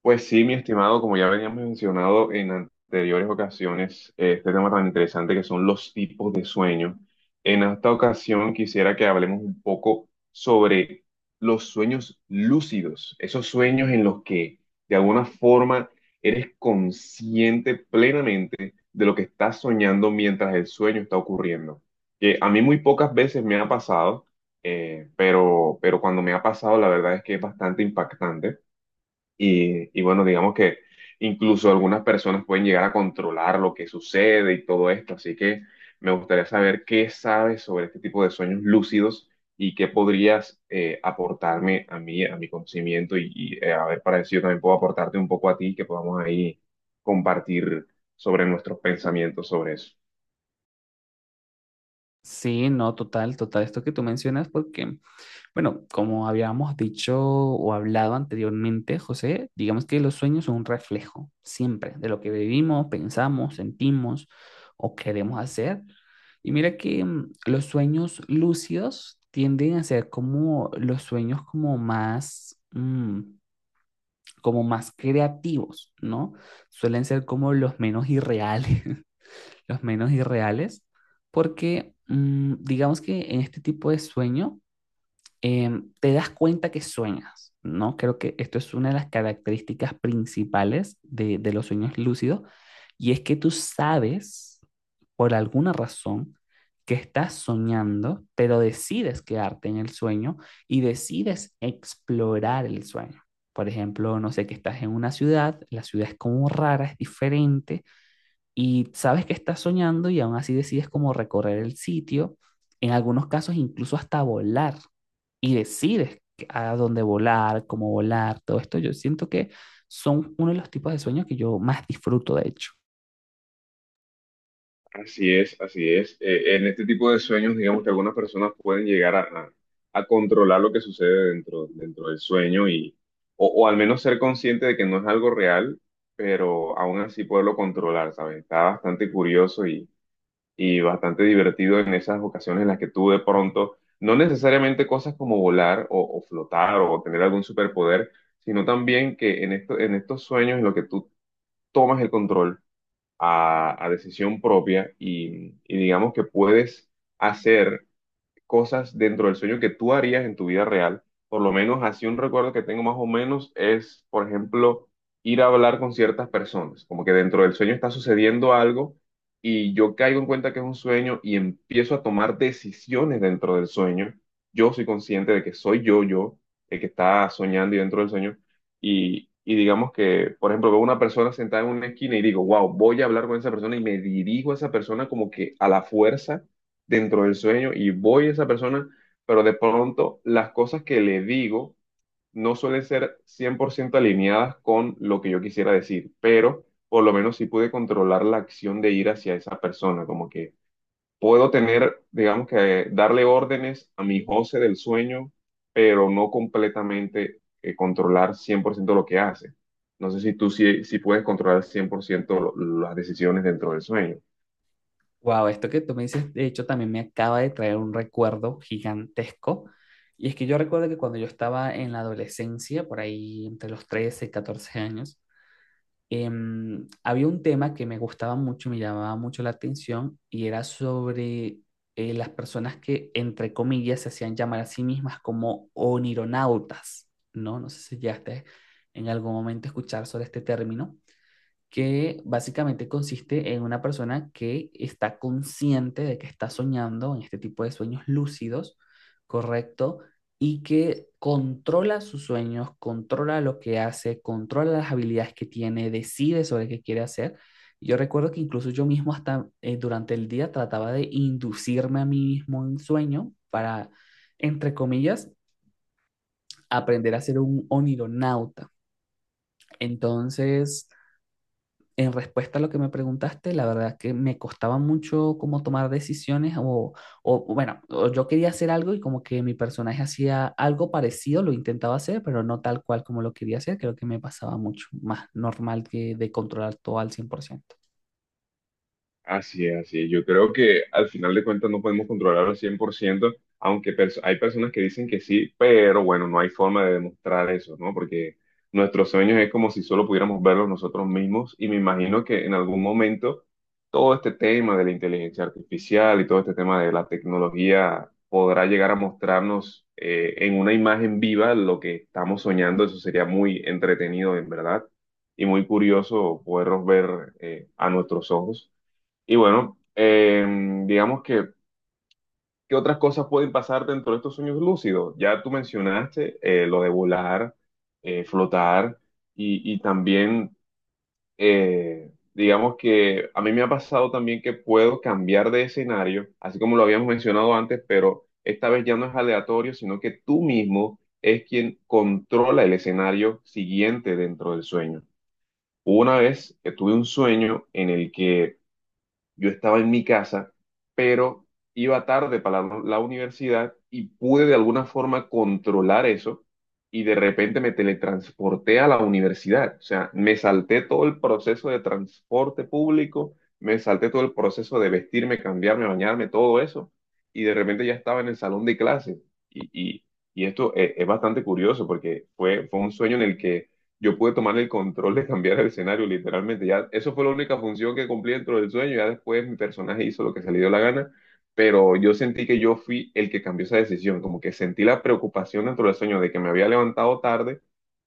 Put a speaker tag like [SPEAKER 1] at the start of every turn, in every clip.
[SPEAKER 1] Pues sí, mi estimado, como ya veníamos mencionado en anteriores ocasiones, este tema tan interesante que son los tipos de sueño. En esta ocasión quisiera que hablemos un poco sobre los sueños lúcidos, esos sueños en los que de alguna forma eres consciente plenamente de lo que estás soñando mientras el sueño está ocurriendo. Que a mí muy pocas veces me ha pasado, pero cuando me ha pasado la verdad es que es bastante impactante y bueno, digamos que incluso algunas personas pueden llegar a controlar lo que sucede y todo esto. Así que me gustaría saber qué sabes sobre este tipo de sueños lúcidos y qué podrías aportarme a mí, a mi conocimiento y a ver para ver si yo también puedo aportarte un poco a ti, que podamos ahí compartir sobre nuestros pensamientos sobre eso.
[SPEAKER 2] Sí, no, total, total, esto que tú mencionas, porque, bueno, como habíamos dicho o hablado anteriormente, José, digamos que los sueños son un reflejo siempre de lo que vivimos, pensamos, sentimos o queremos hacer. Y mira que los sueños lúcidos tienden a ser como los sueños como más, como más creativos, ¿no? Suelen ser como los menos irreales, los menos irreales, porque digamos que en este tipo de sueño te das cuenta que sueñas, ¿no? Creo que esto es una de las características principales de los sueños lúcidos, y es que tú sabes, por alguna razón, que estás soñando, pero decides quedarte en el sueño y decides explorar el sueño. Por ejemplo, no sé, que estás en una ciudad, la ciudad es como rara, es diferente, y sabes que estás soñando y aún así decides como recorrer el sitio, en algunos casos incluso hasta volar y decides a dónde volar, cómo volar, todo esto. Yo siento que son uno de los tipos de sueños que yo más disfruto, de hecho.
[SPEAKER 1] Así es, así es. En este tipo de sueños, digamos que algunas personas pueden llegar a controlar lo que sucede dentro del sueño y, o al menos ser consciente de que no es algo real, pero aún así poderlo controlar, ¿sabes? Está bastante curioso y bastante divertido en esas ocasiones en las que tú de pronto, no necesariamente cosas como volar o flotar o tener algún superpoder, sino también que en esto, en estos sueños en los que tú tomas el control a decisión propia y digamos que puedes hacer cosas dentro del sueño que tú harías en tu vida real. Por lo menos así un recuerdo que tengo más o menos es, por ejemplo, ir a hablar con ciertas personas, como que dentro del sueño está sucediendo algo y yo caigo en cuenta que es un sueño y empiezo a tomar decisiones dentro del sueño. Yo soy consciente de que soy yo, el que está soñando y dentro del sueño. Y digamos que, por ejemplo, veo una persona sentada en una esquina y digo, wow, voy a hablar con esa persona y me dirijo a esa persona como que a la fuerza dentro del sueño y voy a esa persona, pero de pronto las cosas que le digo no suelen ser 100% alineadas con lo que yo quisiera decir, pero por lo menos sí pude controlar la acción de ir hacia esa persona, como que puedo tener, digamos que darle órdenes a mi José del sueño, pero no completamente controlar 100% lo que hace. No sé si tú sí puedes controlar 100% lo- las decisiones dentro del sueño.
[SPEAKER 2] Wow, esto que tú me dices, de hecho, también me acaba de traer un recuerdo gigantesco. Y es que yo recuerdo que cuando yo estaba en la adolescencia, por ahí entre los 13 y 14 años, había un tema que me gustaba mucho, me llamaba mucho la atención y era sobre las personas que, entre comillas, se hacían llamar a sí mismas como onironautas, ¿no? No sé si llegaste en algún momento a escuchar sobre este término que básicamente consiste en una persona que está consciente de que está soñando en este tipo de sueños lúcidos, ¿correcto? Y que controla sus sueños, controla lo que hace, controla las habilidades que tiene, decide sobre qué quiere hacer. Yo recuerdo que incluso yo mismo hasta durante el día trataba de inducirme a mí mismo en sueño para, entre comillas, aprender a ser un onironauta. Entonces, en respuesta a lo que me preguntaste, la verdad que me costaba mucho como tomar decisiones o bueno, o yo quería hacer algo y como que mi personaje hacía algo parecido, lo intentaba hacer, pero no tal cual como lo quería hacer, creo que me pasaba mucho más normal que de controlar todo al 100%.
[SPEAKER 1] Así es, así es. Yo creo que al final de cuentas no podemos controlar al 100%, aunque hay personas que dicen que sí, pero bueno, no hay forma de demostrar eso, ¿no? Porque nuestros sueños es como si solo pudiéramos verlos nosotros mismos y me imagino que en algún momento todo este tema de la inteligencia artificial y todo este tema de la tecnología podrá llegar a mostrarnos en una imagen viva lo que estamos soñando. Eso sería muy entretenido, en verdad, y muy curioso poderlos ver a nuestros ojos. Y bueno, digamos que, ¿qué otras cosas pueden pasar dentro de estos sueños lúcidos? Ya tú mencionaste lo de volar, flotar y también, digamos que a mí me ha pasado también que puedo cambiar de escenario, así como lo habíamos mencionado antes, pero esta vez ya no es aleatorio, sino que tú mismo es quien controla el escenario siguiente dentro del sueño. Hubo una vez que tuve un sueño en el que yo estaba en mi casa, pero iba tarde para la universidad y pude de alguna forma controlar eso y de repente me teletransporté a la universidad. O sea, me salté todo el proceso de transporte público, me salté todo el proceso de vestirme, cambiarme, bañarme, todo eso y de repente ya estaba en el salón de clase. Y, y, y esto es bastante curioso porque fue un sueño en el que yo pude tomar el control de cambiar el escenario, literalmente. Ya, eso fue la única función que cumplí dentro del sueño. Ya después mi personaje hizo lo que se le dio la gana, pero yo sentí que yo fui el que cambió esa decisión. Como que sentí la preocupación dentro del sueño de que me había levantado tarde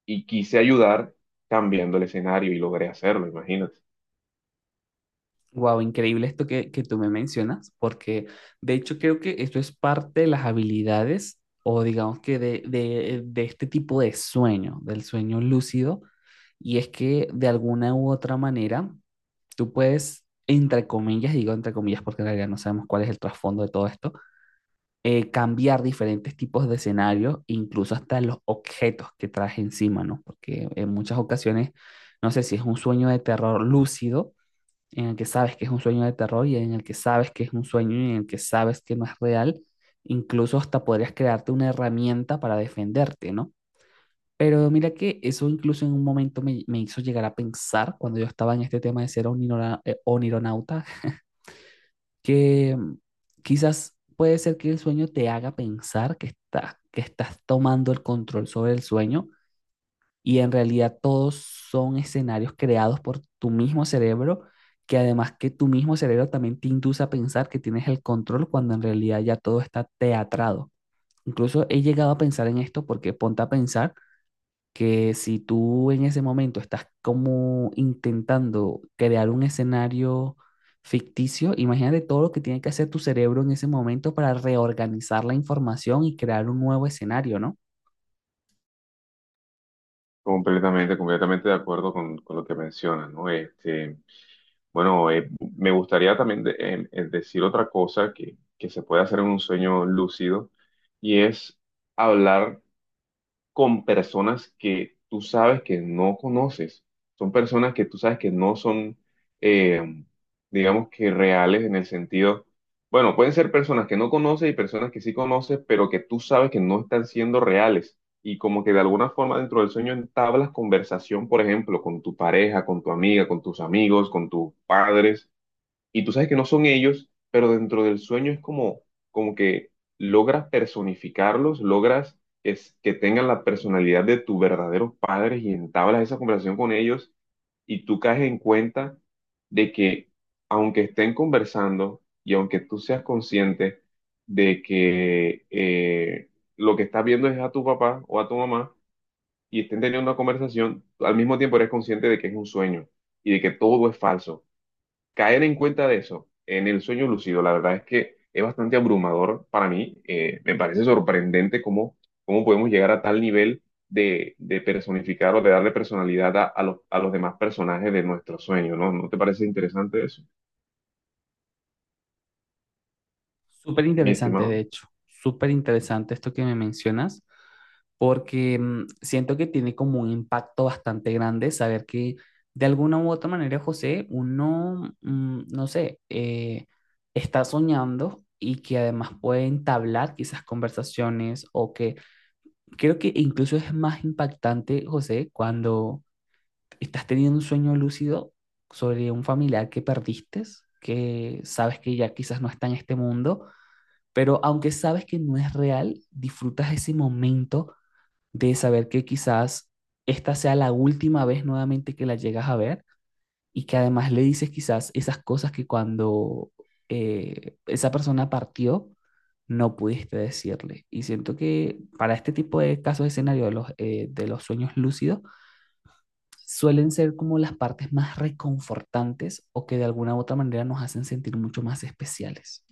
[SPEAKER 1] y quise ayudar cambiando el escenario y logré hacerlo, imagínate.
[SPEAKER 2] Wow, increíble esto que tú me mencionas, porque de hecho creo que esto es parte de las habilidades o digamos que de este tipo de sueño, del sueño lúcido, y es que de alguna u otra manera tú puedes, entre comillas, digo entre comillas porque en realidad no sabemos cuál es el trasfondo de todo esto, cambiar diferentes tipos de escenarios, incluso hasta los objetos que traes encima, ¿no? Porque en muchas ocasiones, no sé si es un sueño de terror lúcido en el que sabes que es un sueño de terror y en el que sabes que es un sueño y en el que sabes que no es real, incluso hasta podrías crearte una herramienta para defenderte, ¿no? Pero mira que eso incluso en un momento me hizo llegar a pensar, cuando yo estaba en este tema de ser onironauta, que quizás puede ser que el sueño te haga pensar que, que estás tomando el control sobre el sueño y en realidad todos son escenarios creados por tu mismo cerebro, que además que tu mismo cerebro también te induce a pensar que tienes el control cuando en realidad ya todo está teatrado. Incluso he llegado a pensar en esto porque ponte a pensar que si tú en ese momento estás como intentando crear un escenario ficticio, imagínate todo lo que tiene que hacer tu cerebro en ese momento para reorganizar la información y crear un nuevo escenario, ¿no?
[SPEAKER 1] Completamente de acuerdo con lo que mencionas, ¿no? Este. Bueno, me gustaría también decir otra cosa que se puede hacer en un sueño lúcido y es hablar con personas que tú sabes que no conoces. Son personas que tú sabes que no son, eh, digamos que reales en el sentido, bueno, pueden ser personas que no conoces y personas que sí conoces, pero que tú sabes que no están siendo reales. Y como que de alguna forma dentro del sueño entablas conversación, por ejemplo, con tu pareja, con tu amiga, con tus amigos, con tus padres y tú sabes que no son ellos, pero dentro del sueño es como, como que logras personificarlos, logras que tengan la personalidad de tus verdaderos padres y entablas esa conversación con ellos y tú caes en cuenta de que aunque estén conversando y aunque tú seas consciente de que lo que estás viendo es a tu papá o a tu mamá y estén teniendo una conversación, al mismo tiempo eres consciente de que es un sueño y de que todo es falso caer en cuenta de eso en el sueño lúcido, la verdad es que es bastante abrumador para mí. Me parece sorprendente cómo, cómo podemos llegar a tal nivel de personificar o de darle personalidad a los demás personajes de nuestro sueño, ¿no? ¿No te parece interesante eso,
[SPEAKER 2] Súper
[SPEAKER 1] mi
[SPEAKER 2] interesante, de
[SPEAKER 1] estimado?
[SPEAKER 2] hecho, súper interesante esto que me mencionas, porque siento que tiene como un impacto bastante grande saber que de alguna u otra manera, José, uno, no sé, está soñando y que además puede entablar quizás conversaciones o que creo que incluso es más impactante, José, cuando estás teniendo un sueño lúcido sobre un familiar que perdiste, que sabes que ya quizás no está en este mundo pero aunque sabes que no es real, disfrutas ese momento de saber que quizás esta sea la última vez nuevamente que la llegas a ver y que además le dices quizás esas cosas que cuando esa persona partió no pudiste decirle. Y siento que para este tipo de casos de escenario de los sueños lúcidos suelen ser como las partes más reconfortantes o que de alguna u otra manera nos hacen sentir mucho más especiales.